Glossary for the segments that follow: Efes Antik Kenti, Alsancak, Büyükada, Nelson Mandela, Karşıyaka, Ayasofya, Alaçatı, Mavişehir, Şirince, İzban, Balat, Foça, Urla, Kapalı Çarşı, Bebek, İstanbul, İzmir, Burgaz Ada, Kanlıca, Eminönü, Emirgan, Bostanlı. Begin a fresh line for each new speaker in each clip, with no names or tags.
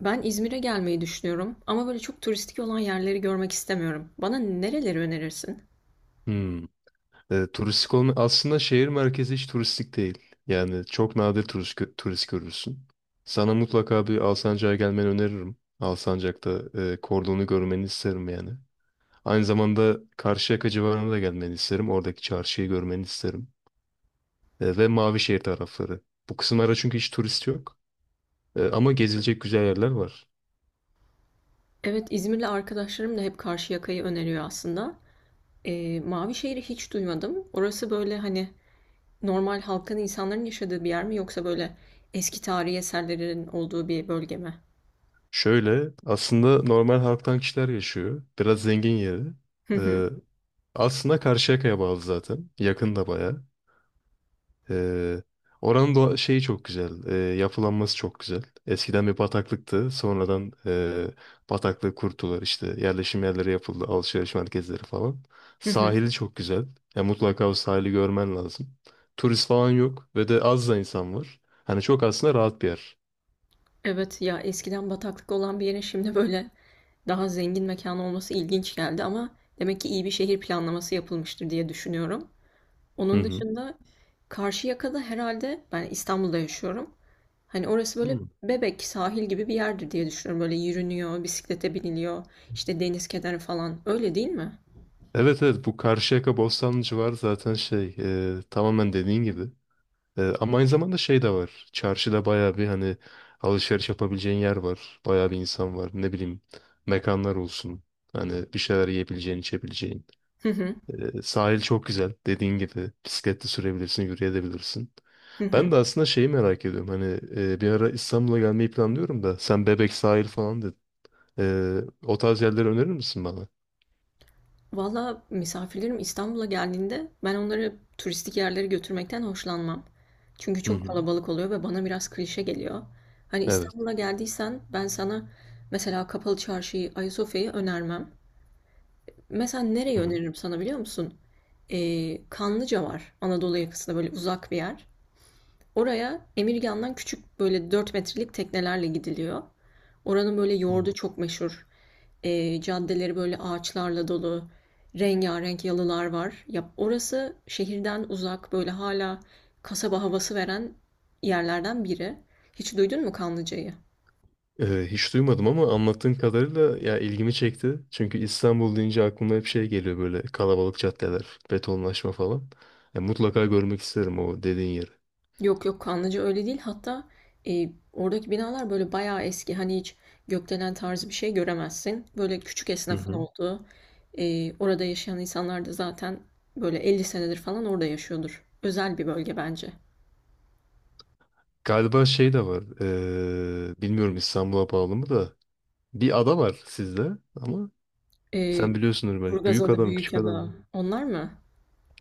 Ben İzmir'e gelmeyi düşünüyorum ama böyle çok turistik olan yerleri görmek istemiyorum. Bana nereleri önerirsin?
Hmm. Turistik olma aslında şehir merkezi hiç turistik değil. Yani çok nadir turist, turist görürsün. Sana mutlaka bir Alsancak'a gelmeni öneririm. Alsancak'ta kordonu görmeni isterim yani. Aynı zamanda Karşıyaka civarına da gelmeni isterim. Oradaki çarşıyı görmeni isterim. Ve Mavişehir tarafları. Bu kısımlara çünkü hiç turist yok. Ama gezilecek güzel yerler var.
Evet, İzmir'le arkadaşlarım da hep Karşıyaka'yı öneriyor aslında. Mavişehir'i hiç duymadım. Orası böyle hani normal halkın, insanların yaşadığı bir yer mi yoksa böyle eski tarihi eserlerin olduğu bir bölge mi?
Şöyle aslında normal halktan kişiler yaşıyor. Biraz zengin yeri.
Hı hı,
E, Aslında Karşıyaka'ya bağlı zaten. Yakın da bayağı. Ee, Oranın şeyi çok güzel. Yapılanması çok güzel. Eskiden bir bataklıktı. Sonradan bataklığı kurtular işte. Yerleşim yerleri yapıldı. Alışveriş merkezleri falan.
hı hı.
Sahili çok güzel. Ya mutlaka o sahili görmen lazım. Turist falan yok ve de az da insan var. Hani çok aslında rahat bir yer.
Evet ya eskiden bataklık olan bir yere şimdi böyle daha zengin mekan olması ilginç geldi ama demek ki iyi bir şehir planlaması yapılmıştır diye düşünüyorum.
Hı
Onun
hı.
dışında Karşıyaka'da herhalde ben İstanbul'da yaşıyorum. Hani orası böyle
Hmm.
Bebek sahil gibi bir yerdir diye düşünüyorum. Böyle yürünüyor, bisiklete biniliyor, işte deniz kenarı falan. Öyle değil mi?
Evet, evet, bu Karşıyaka Bostanlı civarı zaten şey tamamen dediğin gibi. Ama aynı zamanda şey de var. Çarşıda bayağı bir hani alışveriş yapabileceğin yer var. Bayağı bir insan var. Ne bileyim mekanlar olsun. Hani bir şeyler yiyebileceğin, içebileceğin.
Hı hı.
Sahil çok güzel. Dediğin gibi bisikletle sürebilirsin, yürüyebilirsin.
Hı hı.
Ben de aslında şeyi merak ediyorum. Hani bir ara İstanbul'a gelmeyi planlıyorum da sen Bebek sahil falan dedin. Ee, O tarz yerleri önerir misin bana?
Valla misafirlerim İstanbul'a geldiğinde ben onları turistik yerlere götürmekten hoşlanmam. Çünkü
Hı
çok
hı.
kalabalık oluyor ve bana biraz klişe geliyor. Hani
Evet.
İstanbul'a geldiysen ben sana mesela Kapalı Çarşı'yı, Ayasofya'yı önermem. Mesela nereyi
Hı
öneririm sana biliyor musun? Kanlıca var. Anadolu yakasında böyle uzak bir yer. Oraya Emirgan'dan küçük böyle 4 metrelik teknelerle gidiliyor. Oranın böyle
hı.
yoğurdu çok meşhur. Caddeleri böyle ağaçlarla dolu. Rengarenk yalılar var. Ya orası şehirden uzak böyle hala kasaba havası veren yerlerden biri. Hiç duydun mu Kanlıca'yı?
Hiç duymadım ama anlattığın kadarıyla ya ilgimi çekti. Çünkü İstanbul deyince aklıma hep şey geliyor böyle kalabalık caddeler, betonlaşma falan. Ya mutlaka görmek isterim o dediğin yeri.
Yok yok Kanlıca öyle değil. Hatta oradaki binalar böyle bayağı eski. Hani hiç gökdelen tarzı bir şey göremezsin. Böyle küçük
Hı
esnafın
hı.
olduğu. Orada yaşayan insanlar da zaten böyle 50 senedir falan orada yaşıyordur. Özel bir bölge bence.
Galiba şey de var. Bilmiyorum İstanbul'a bağlı mı da. Bir ada var sizde ama
E,
sen biliyorsundur belki.
Burgaz
Büyük
Ada,
adam mı küçük adam
Büyükada
mı?
onlar mı?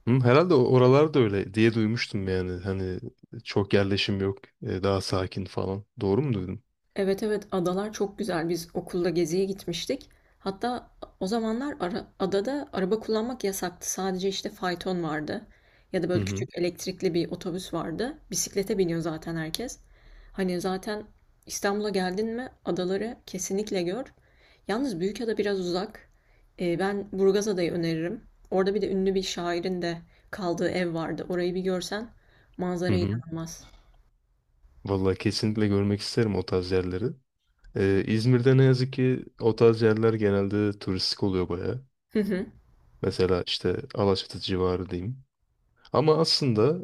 Hı, herhalde oralar da öyle diye duymuştum yani. Hani çok yerleşim yok. Daha sakin falan. Doğru mu duydum?
Evet evet adalar çok güzel. Biz okulda geziye gitmiştik. Hatta o zamanlar adada araba kullanmak yasaktı. Sadece işte fayton vardı. Ya da
Hı
böyle
hı.
küçük elektrikli bir otobüs vardı. Bisiklete biniyor zaten herkes. Hani zaten İstanbul'a geldin mi adaları kesinlikle gör. Yalnız Büyükada biraz uzak. Ben Burgaz Adayı öneririm. Orada bir de ünlü bir şairin de kaldığı ev vardı. Orayı bir görsen
Hı
manzara
hı.
inanılmaz.
Vallahi kesinlikle görmek isterim o tarz yerleri. İzmir'de ne yazık ki o tarz yerler genelde turistik oluyor baya.
Hı hı.
Mesela işte Alaçatı civarı diyeyim. Ama aslında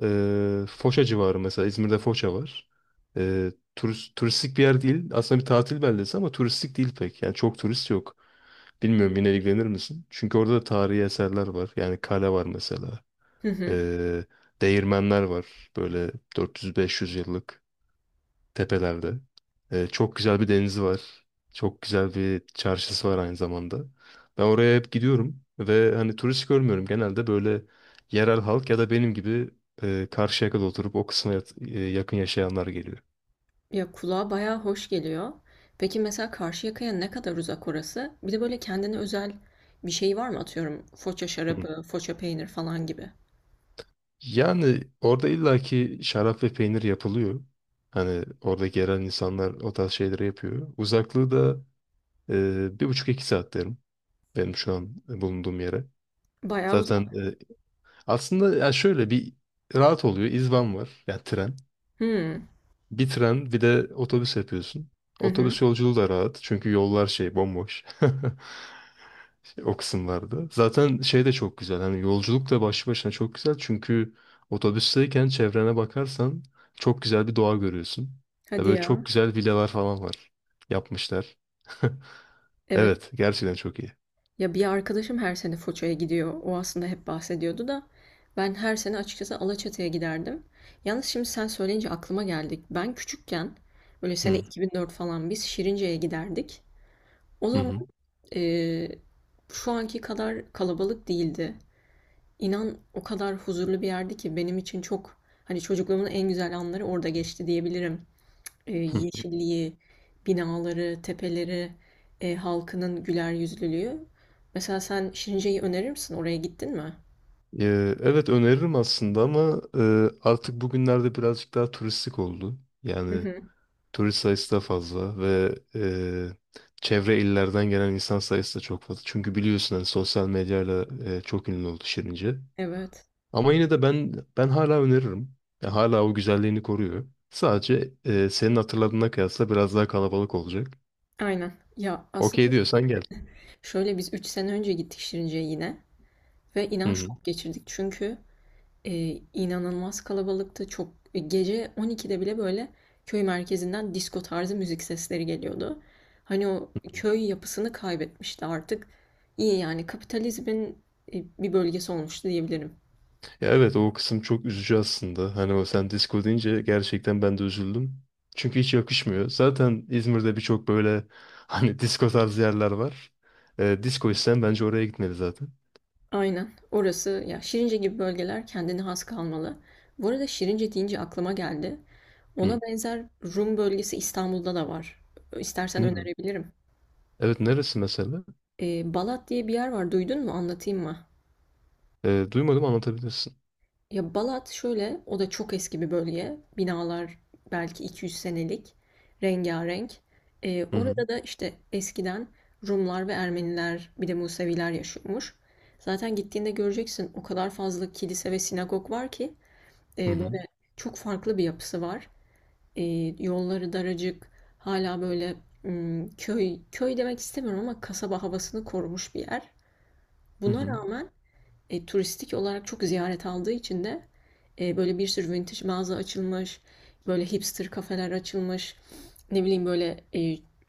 Foça civarı mesela İzmir'de Foça var. Turistik bir yer değil. Aslında bir tatil beldesi ama turistik değil pek. Yani çok turist yok. Bilmiyorum yine ilgilenir misin? Çünkü orada da tarihi eserler var. Yani kale var mesela.
Hı hı.
E, Değirmenler var. Böyle 400-500 yıllık tepelerde. Çok güzel bir denizi var. Çok güzel bir çarşısı var aynı zamanda. Ben oraya hep gidiyorum ve hani turist görmüyorum. Genelde böyle yerel halk ya da benim gibi Karşıyaka'da oturup o kısma yakın yaşayanlar geliyor.
Ya kulağa bayağı hoş geliyor. Peki mesela Karşıyaka'ya ne kadar uzak orası? Bir de böyle kendine özel bir şey var mı? Atıyorum foça
Hı.
şarabı, foça peynir falan gibi.
Yani orada illaki şarap ve peynir yapılıyor. Hani oradaki yerel insanlar o tarz şeyleri yapıyor. Uzaklığı da 1,5-2 saat derim benim şu an bulunduğum yere.
Bayağı
Zaten
uzak.
aslında ya şöyle bir rahat oluyor. İzban var. Yani tren.
Hmm.
Bir tren bir de otobüs yapıyorsun.
Hı hı.
Otobüs yolculuğu da rahat. Çünkü yollar şey bomboş. O kısımlarda. Zaten şey de çok güzel. Hani yolculuk da başlı başına çok güzel. Çünkü otobüsteyken çevrene bakarsan çok güzel bir doğa görüyorsun. Ve
Hadi
böyle çok
ya.
güzel villalar falan var. Yapmışlar.
Evet.
Evet. Gerçekten çok iyi.
Ya bir arkadaşım her sene Foça'ya gidiyor. O aslında hep bahsediyordu da. Ben her sene açıkçası Alaçatı'ya giderdim. Yalnız şimdi sen söyleyince aklıma geldik. Ben küçükken böyle sene
Hı
2004 falan biz Şirince'ye giderdik. O zaman
hı.
eee, şu anki kadar kalabalık değildi. İnan o kadar huzurlu bir yerdi ki benim için çok hani çocukluğumun en güzel anları orada geçti diyebilirim.
Hı.
Yeşilliği, binaları, tepeleri, halkının güler yüzlülüğü. Mesela sen Şirince'yi önerir misin? Oraya gittin mi?
Evet, öneririm aslında ama artık bugünlerde birazcık daha turistik oldu.
Hı
Yani
hı.
turist sayısı da fazla ve çevre illerden gelen insan sayısı da çok fazla. Çünkü biliyorsun hani sosyal medyayla çok ünlü oldu Şirince.
Evet.
Ama yine de ben hala öneririm. Ya hala o güzelliğini koruyor. Sadece senin hatırladığına kıyasla biraz daha kalabalık olacak.
Aynen. Ya aslında
Okey
biz
diyorsan gel.
şöyle biz 3 sene önce gittik Şirince'ye yine ve
Hı
inan
hı.
şok geçirdik. Çünkü inanılmaz kalabalıktı. Çok gece 12'de bile böyle köy merkezinden disko tarzı müzik sesleri geliyordu. Hani o köy yapısını kaybetmişti artık. İyi yani kapitalizmin bir bölgesi olmuştu diyebilirim.
Ya evet o kısım çok üzücü aslında. Hani o sen disco deyince gerçekten ben de üzüldüm. Çünkü hiç yakışmıyor. Zaten İzmir'de birçok böyle hani disco tarzı yerler var. Disco isteyen bence oraya gitmeli zaten.
Aynen. Orası ya Şirince gibi bölgeler kendine has kalmalı. Bu arada Şirince deyince aklıma geldi.
Hı.
Ona benzer Rum bölgesi İstanbul'da da var. İstersen
Hı.
önerebilirim.
Evet, neresi mesela?
Balat diye bir yer var. Duydun mu? Anlatayım mı?
Duymadım, anlatabilirsin.
Ya Balat şöyle, o da çok eski bir bölge. Binalar belki 200 senelik, rengarenk.
Hı hı.
Orada da işte eskiden Rumlar ve Ermeniler, bir de Museviler yaşıyormuş. Zaten gittiğinde göreceksin o kadar fazla kilise ve sinagog var ki
Hı hı.
böyle çok farklı bir yapısı var. Ee, yolları daracık, hala böyle köy köy demek istemiyorum ama kasaba havasını korumuş bir yer.
Hı
Buna
hı.
rağmen turistik olarak çok ziyaret aldığı için de böyle bir sürü vintage mağaza açılmış, böyle hipster kafeler açılmış, ne bileyim böyle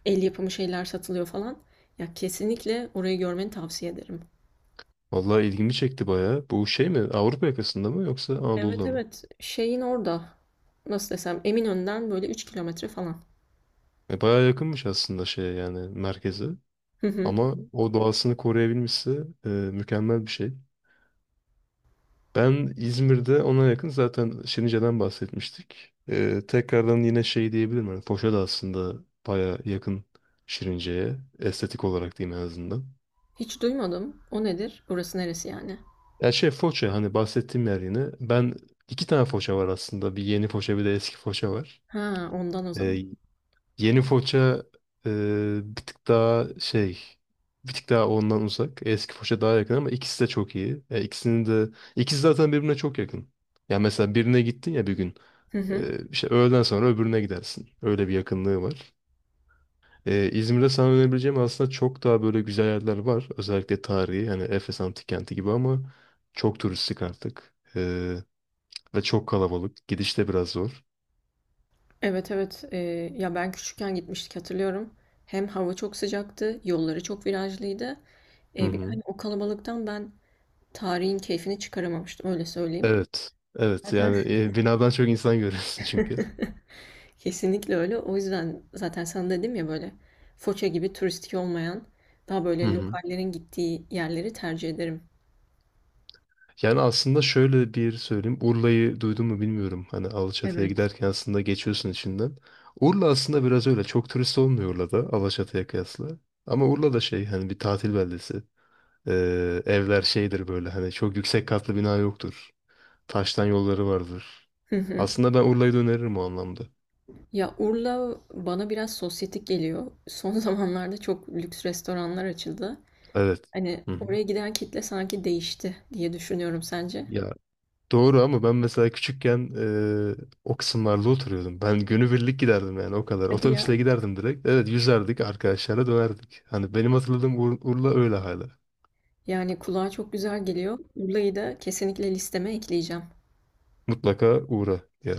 el yapımı şeyler satılıyor falan. Ya kesinlikle orayı görmeni tavsiye ederim.
Vallahi ilgimi çekti bayağı. Bu şey mi? Avrupa yakasında mı yoksa
Evet
Anadolu'da mı?
evet şeyin orada nasıl desem Eminönü'nden böyle 3 kilometre falan.
Bayağı yakınmış aslında şeye yani merkeze.
Hı hı.
Ama o doğasını koruyabilmişse mükemmel bir şey. Ben İzmir'de ona yakın zaten Şirince'den bahsetmiştik. Tekrardan yine şey diyebilirim. Yani Foça da aslında baya yakın Şirince'ye. Estetik olarak diyeyim en azından.
Hiç duymadım. O nedir? Burası neresi yani?
Ya şey Foça hani bahsettiğim yer yine. Ben iki tane Foça var aslında. Bir yeni Foça bir de eski Foça var.
Ha ondan o
Ee,
zaman.
Yeni Foça e, bir tık daha şey bir tık daha ondan uzak. Eski Foça daha yakın ama ikisi de çok iyi. Ya ikisi zaten birbirine çok yakın. Ya mesela birine gittin ya bir gün.
Hı hı.
İşte öğleden sonra öbürüne gidersin. Öyle bir yakınlığı var. İzmir'de sana önerebileceğim aslında çok daha böyle güzel yerler var. Özellikle tarihi hani Efes Antik Kenti gibi ama çok turistik artık. Ve çok kalabalık. Gidiş de biraz zor.
Evet evet ya ben küçükken gitmiştik hatırlıyorum. Hem hava çok sıcaktı, yolları çok virajlıydı.
Hı
Bir de hani
hı.
o kalabalıktan ben tarihin keyfini çıkaramamıştım öyle söyleyeyim.
Evet. Evet
Zaten
yani binadan çok insan görüyorsun çünkü.
kesinlikle öyle. O yüzden zaten sana dedim ya böyle Foça gibi turistik olmayan daha
Hı
böyle
hı.
lokallerin gittiği yerleri tercih ederim.
Yani aslında şöyle bir söyleyeyim. Urla'yı duydun mu bilmiyorum. Hani Alaçatı'ya
Evet.
giderken aslında geçiyorsun içinden. Urla aslında biraz öyle. Çok turist olmuyor Urla'da Alaçatı'ya kıyasla. Ama Urla da şey hani bir tatil beldesi. Evler şeydir böyle hani çok yüksek katlı bina yoktur. Taştan yolları vardır.
Hı hı.
Aslında ben Urla'yı da öneririm o anlamda.
Ya Urla bana biraz sosyetik geliyor. Son zamanlarda çok lüks restoranlar açıldı.
Evet.
Hani
Hı hı.
oraya giden kitle sanki değişti diye düşünüyorum sence?
Ya, doğru ama ben mesela küçükken o kısımlarda oturuyordum. Ben günübirlik giderdim yani o kadar.
Hadi ya.
Otobüsle giderdim direkt. Evet, yüzerdik arkadaşlarla dönerdik. Hani benim hatırladığım Urla öyle hala.
Yani kulağa çok güzel geliyor. Urla'yı da kesinlikle listeme ekleyeceğim.
Mutlaka uğra diye.